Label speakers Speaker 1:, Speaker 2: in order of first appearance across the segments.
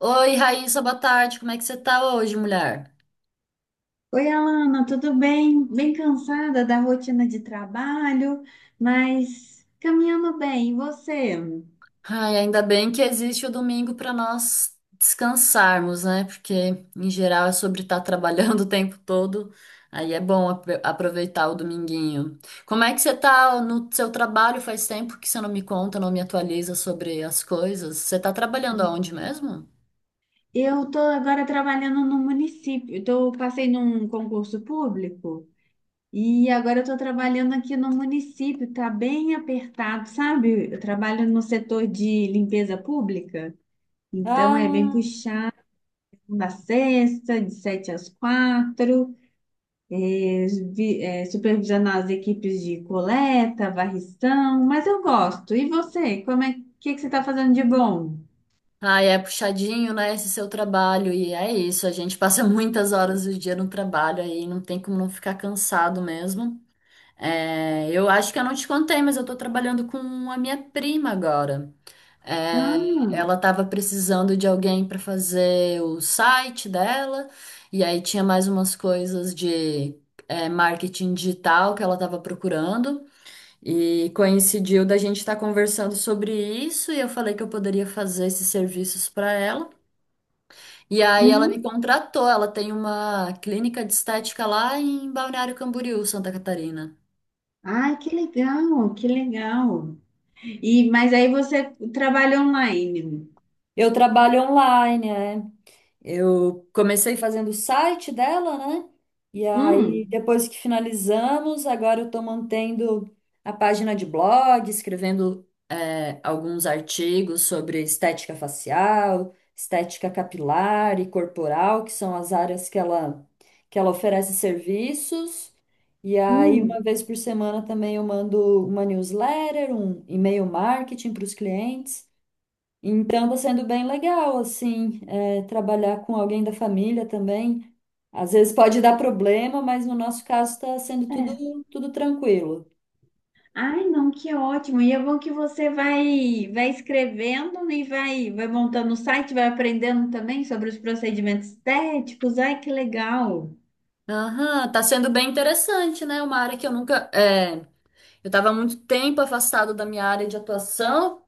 Speaker 1: Oi, Raíssa, boa tarde. Como é que você tá hoje, mulher?
Speaker 2: Oi, Alana, tudo bem? Bem cansada da rotina de trabalho, mas caminhando bem. E você?
Speaker 1: Ai, ainda bem que existe o domingo para nós descansarmos, né? Porque em geral é sobre estar trabalhando o tempo todo. Aí é bom aproveitar o dominguinho. Como é que você tá no seu trabalho? Faz tempo que você não me conta, não me atualiza sobre as coisas. Você tá trabalhando aonde mesmo?
Speaker 2: Eu estou agora trabalhando no município. Então, passei num concurso público e agora eu estou trabalhando aqui no município. Está bem apertado, sabe? Eu trabalho no setor de limpeza pública, então é bem
Speaker 1: Ah.
Speaker 2: puxado. Da sexta, de sete às quatro. eh, Supervisionar as equipes de coleta, varrição, mas eu gosto. E você, como é que você está fazendo de bom?
Speaker 1: Ai, é puxadinho, né, esse seu trabalho, e é isso, a gente passa muitas horas do dia no trabalho aí, não tem como não ficar cansado mesmo. É, eu acho que eu não te contei, mas eu tô trabalhando com a minha prima agora. É,
Speaker 2: Ah,
Speaker 1: ela tava precisando de alguém para fazer o site dela, e aí tinha mais umas coisas de é, marketing digital que ela tava procurando, e coincidiu da gente estar conversando sobre isso, e eu falei que eu poderia fazer esses serviços para ela. E aí ela me
Speaker 2: uhum.
Speaker 1: contratou, ela tem uma clínica de estética lá em Balneário Camboriú, Santa Catarina.
Speaker 2: Ai, que legal, que legal. E mas aí você trabalha online.
Speaker 1: Eu trabalho online, é. Eu comecei fazendo o site dela, né? E aí,
Speaker 2: Hum,
Speaker 1: depois que finalizamos, agora eu estou mantendo a página de blog, escrevendo é, alguns artigos sobre estética facial, estética capilar e corporal, que são as áreas que ela oferece serviços. E aí, uma
Speaker 2: hum.
Speaker 1: vez por semana também eu mando uma newsletter, um e-mail marketing para os clientes. Então, está sendo bem legal, assim, é, trabalhar com alguém da família também. Às vezes pode dar problema, mas no nosso caso está sendo tudo,
Speaker 2: É.
Speaker 1: tudo tranquilo.
Speaker 2: Ai, não, que ótimo. E é bom que você vai escrevendo e vai montando o site, vai aprendendo também sobre os procedimentos estéticos. Ai, que legal.
Speaker 1: Aham, tá sendo bem interessante, né? Uma área que eu nunca. É, eu tava há muito tempo afastado da minha área de atuação.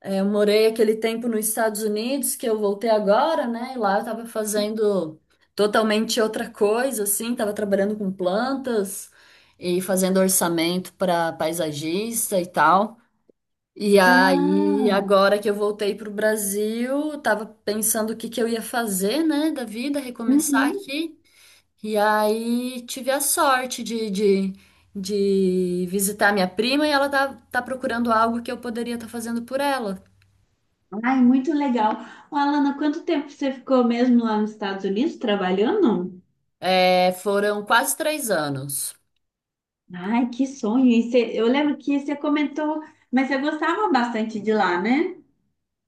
Speaker 1: É, eu morei aquele tempo nos Estados Unidos, que eu voltei agora, né? E lá eu estava fazendo totalmente outra coisa, assim, estava trabalhando com plantas e fazendo orçamento para paisagista e tal. E aí,
Speaker 2: Ah,
Speaker 1: agora que eu voltei para o Brasil, eu tava pensando o que que eu ia fazer, né, da vida, recomeçar
Speaker 2: uhum.
Speaker 1: aqui. E aí tive a sorte de visitar minha prima e ela tá procurando algo que eu poderia estar fazendo por ela.
Speaker 2: Ai, muito legal. Ô, Alana, quanto tempo você ficou mesmo lá nos Estados Unidos trabalhando?
Speaker 1: É, foram quase 3 anos.
Speaker 2: Ai, que sonho. Eu lembro que você comentou, mas você gostava bastante de lá, né?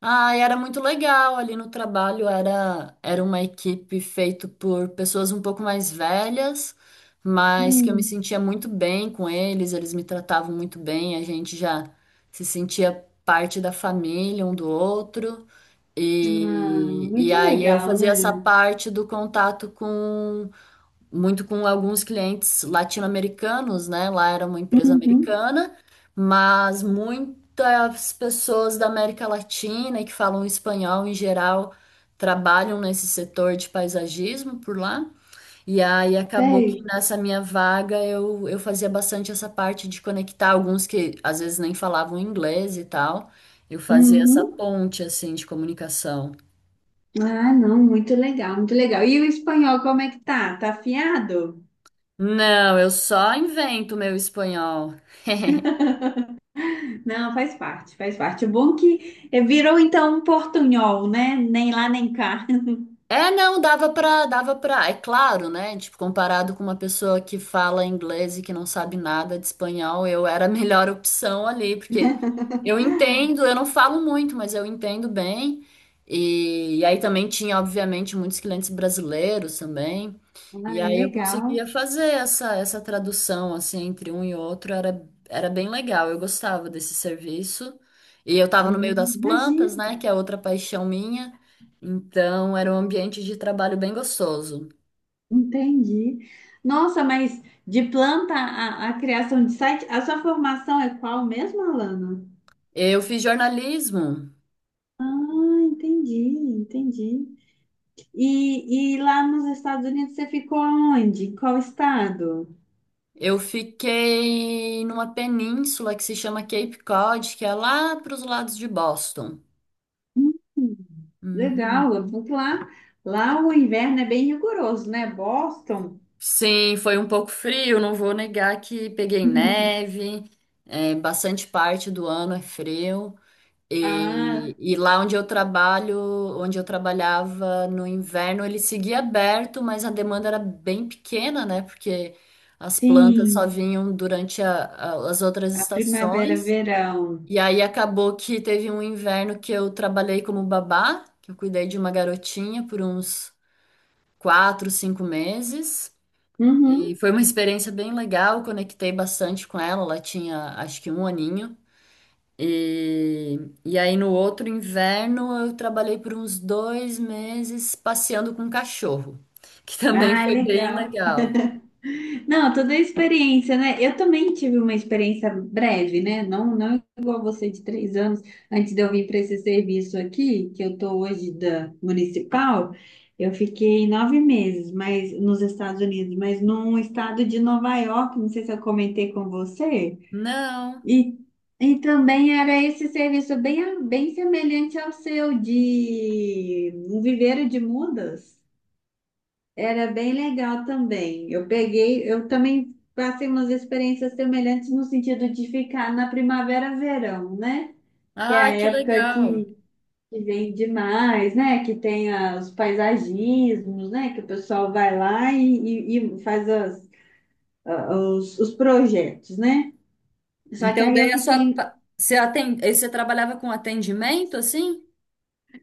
Speaker 1: Ah, e era muito legal ali no trabalho. Era uma equipe feita por pessoas um pouco mais velhas, mas que eu me
Speaker 2: Hum.
Speaker 1: sentia muito bem com eles. Eles me tratavam muito bem. A gente já se sentia parte da família um do outro.
Speaker 2: Ah,
Speaker 1: E
Speaker 2: muito
Speaker 1: aí eu
Speaker 2: legal, né?
Speaker 1: fazia essa parte do contato com muito com alguns clientes latino-americanos, né? Lá era uma empresa
Speaker 2: Uhum,
Speaker 1: americana, mas muitas pessoas da América Latina e que falam espanhol em geral trabalham nesse setor de paisagismo por lá. E aí acabou que
Speaker 2: sei.
Speaker 1: nessa minha vaga eu fazia bastante essa parte de conectar alguns que às vezes nem falavam inglês e tal. Eu fazia essa
Speaker 2: Uhum.
Speaker 1: ponte assim de comunicação.
Speaker 2: Ah, não, muito legal, muito legal. E o espanhol, como é que tá? Tá afiado?
Speaker 1: Não, eu só invento meu espanhol.
Speaker 2: Não, faz parte, faz parte. O bom que virou então um portunhol, né? Nem lá nem cá.
Speaker 1: É, não, dava pra, é claro, né? Tipo, comparado com uma pessoa que fala inglês e que não sabe nada de espanhol, eu era a melhor opção ali, porque eu entendo, eu não falo muito, mas eu entendo bem. E aí também tinha, obviamente, muitos clientes brasileiros também.
Speaker 2: Ah,
Speaker 1: E
Speaker 2: é
Speaker 1: aí eu conseguia
Speaker 2: legal.
Speaker 1: fazer essa, essa tradução, assim, entre um e outro, era, era bem legal, eu gostava desse serviço. E eu tava no meio das plantas,
Speaker 2: Imagina.
Speaker 1: né? Que é outra paixão minha. Então, era um ambiente de trabalho bem gostoso.
Speaker 2: Entendi. Nossa, mas de planta a criação de site, a sua formação é qual mesmo, Alana?
Speaker 1: Eu fiz jornalismo.
Speaker 2: Ah, entendi, entendi. E lá nos Estados Unidos você ficou onde? Em qual estado?
Speaker 1: Eu fiquei numa península que se chama Cape Cod, que é lá para os lados de Boston.
Speaker 2: Hum,
Speaker 1: Uhum.
Speaker 2: Legal, porque lá, lá o inverno é bem rigoroso, né? Boston.
Speaker 1: Sim, foi um pouco frio, não vou negar que peguei neve, é, bastante parte do ano é frio.
Speaker 2: Ah,
Speaker 1: E lá onde eu trabalho, onde eu trabalhava no inverno, ele seguia aberto, mas a demanda era bem pequena, né? Porque as plantas só
Speaker 2: sim,
Speaker 1: vinham durante as outras
Speaker 2: a primavera,
Speaker 1: estações.
Speaker 2: verão.
Speaker 1: E aí acabou que teve um inverno que eu trabalhei como babá, que eu cuidei de uma garotinha por uns 4, 5 meses. E
Speaker 2: Uhum.
Speaker 1: foi uma experiência bem legal, conectei bastante com ela, ela tinha acho que um aninho. E, e aí no outro inverno eu trabalhei por uns 2 meses passeando com um cachorro, que também
Speaker 2: Ah,
Speaker 1: foi bem
Speaker 2: legal.
Speaker 1: legal.
Speaker 2: Não, toda a experiência, né? Eu também tive uma experiência breve, né? Não, não igual você de 3 anos. Antes de eu vir para esse serviço aqui, que eu estou hoje da municipal, eu fiquei 9 meses, mas nos Estados Unidos, mas num estado de Nova York, não sei se eu comentei com você.
Speaker 1: Não.
Speaker 2: E, e também era esse serviço bem, bem semelhante ao seu de um viveiro de mudas. Era bem legal também. Eu peguei, eu também passei umas experiências semelhantes no sentido de ficar na primavera, verão, né? Que é a
Speaker 1: Ah, que
Speaker 2: época
Speaker 1: legal.
Speaker 2: que vem demais, né? Que tem os paisagismos, né? Que o pessoal vai lá e, e faz os projetos, né? Só que
Speaker 1: Então
Speaker 2: aí eu
Speaker 1: daí a sua
Speaker 2: fiquei.
Speaker 1: você aí você trabalhava com atendimento assim?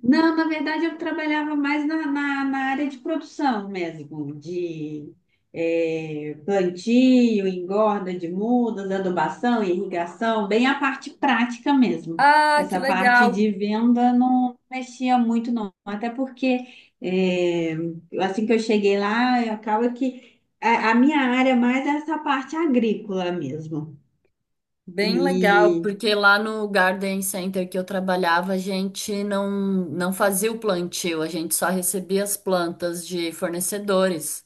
Speaker 2: Não, na verdade eu trabalhava mais na área de produção mesmo, de plantio, engorda de mudas, adubação, irrigação, bem a parte prática mesmo.
Speaker 1: Ah, que
Speaker 2: Essa parte
Speaker 1: legal.
Speaker 2: de venda não mexia muito não, até porque eh, assim que eu cheguei lá, acaba que a minha área mais é essa parte agrícola mesmo.
Speaker 1: Bem legal,
Speaker 2: E,
Speaker 1: porque lá no Garden Center que eu trabalhava, a gente não fazia o plantio, a gente só recebia as plantas de fornecedores.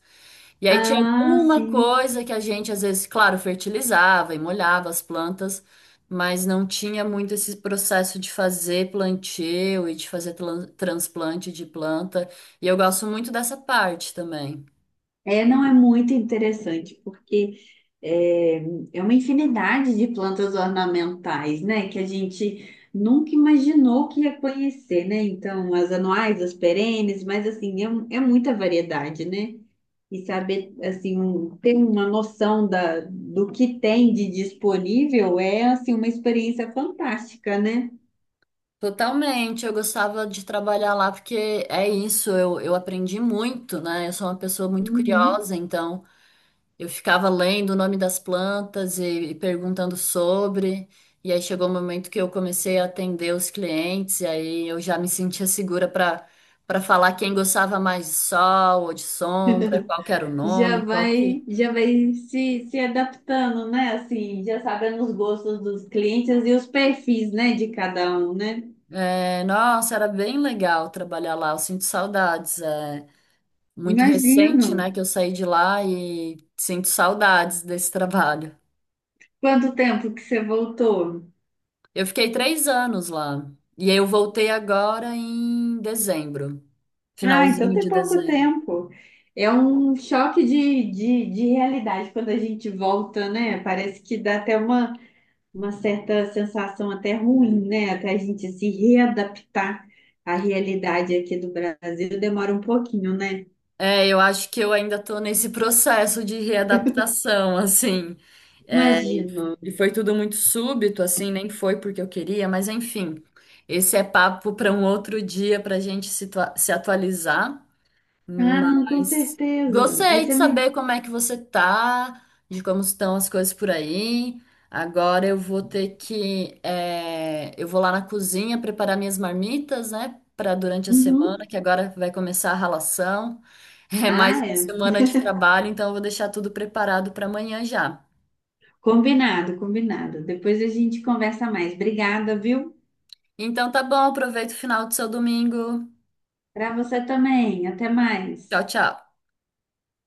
Speaker 1: E aí tinha
Speaker 2: ah,
Speaker 1: alguma
Speaker 2: sim.
Speaker 1: coisa que a gente, às vezes, claro, fertilizava e molhava as plantas, mas não tinha muito esse processo de fazer plantio e de fazer transplante de planta. E eu gosto muito dessa parte também.
Speaker 2: É, não é muito interessante, porque é, é uma infinidade de plantas ornamentais, né? Que a gente nunca imaginou que ia conhecer, né? Então, as anuais, as perenes, mas assim, é, é muita variedade, né? E saber, assim, ter uma noção da, do que tem de disponível é, assim, uma experiência fantástica, né?
Speaker 1: Totalmente, eu gostava de trabalhar lá porque é isso, eu aprendi muito, né? Eu sou uma pessoa muito
Speaker 2: Uhum.
Speaker 1: curiosa, então. Eu ficava lendo o nome das plantas e perguntando sobre, e aí chegou o momento que eu comecei a atender os clientes, e aí eu já me sentia segura para falar quem gostava mais de sol ou de sombra, qual que era o
Speaker 2: Já
Speaker 1: nome, qual que...
Speaker 2: vai, já vai se adaptando, né? Assim, já sabendo os gostos dos clientes e os perfis, né, de cada um, né?
Speaker 1: É, nossa, era bem legal trabalhar lá, eu sinto saudades. É muito recente,
Speaker 2: Imagino.
Speaker 1: né, que eu saí de lá e sinto saudades desse trabalho.
Speaker 2: Quanto tempo que você voltou?
Speaker 1: Eu fiquei 3 anos lá, e aí eu voltei agora em dezembro.
Speaker 2: Ah, então
Speaker 1: Finalzinho
Speaker 2: tem
Speaker 1: de
Speaker 2: pouco
Speaker 1: dezembro.
Speaker 2: tempo. É um choque de realidade quando a gente volta, né? Parece que dá até uma certa sensação até ruim, né? Até a gente se readaptar à realidade aqui do Brasil, demora um pouquinho, né?
Speaker 1: É, eu acho que eu ainda tô nesse processo de readaptação, assim. É, e
Speaker 2: Imagino.
Speaker 1: e foi tudo muito súbito, assim, nem foi porque eu queria, mas enfim. Esse é papo para um outro dia para a gente se, se atualizar.
Speaker 2: Ah, não, com
Speaker 1: Mas
Speaker 2: certeza. Aí
Speaker 1: gostei de
Speaker 2: você me.
Speaker 1: saber como é que você tá, de como estão as coisas por aí. Agora eu vou ter que, eu vou lá na cozinha preparar minhas marmitas, né, para durante a semana,
Speaker 2: Uhum.
Speaker 1: que agora vai começar a ralação. É mais
Speaker 2: Ah,
Speaker 1: uma
Speaker 2: é.
Speaker 1: semana de trabalho, então eu vou deixar tudo preparado para amanhã já.
Speaker 2: Combinado, combinado. Depois a gente conversa mais. Obrigada, viu?
Speaker 1: Então tá bom, aproveita o final do seu domingo.
Speaker 2: Para você também. Até mais.
Speaker 1: Tchau, tchau.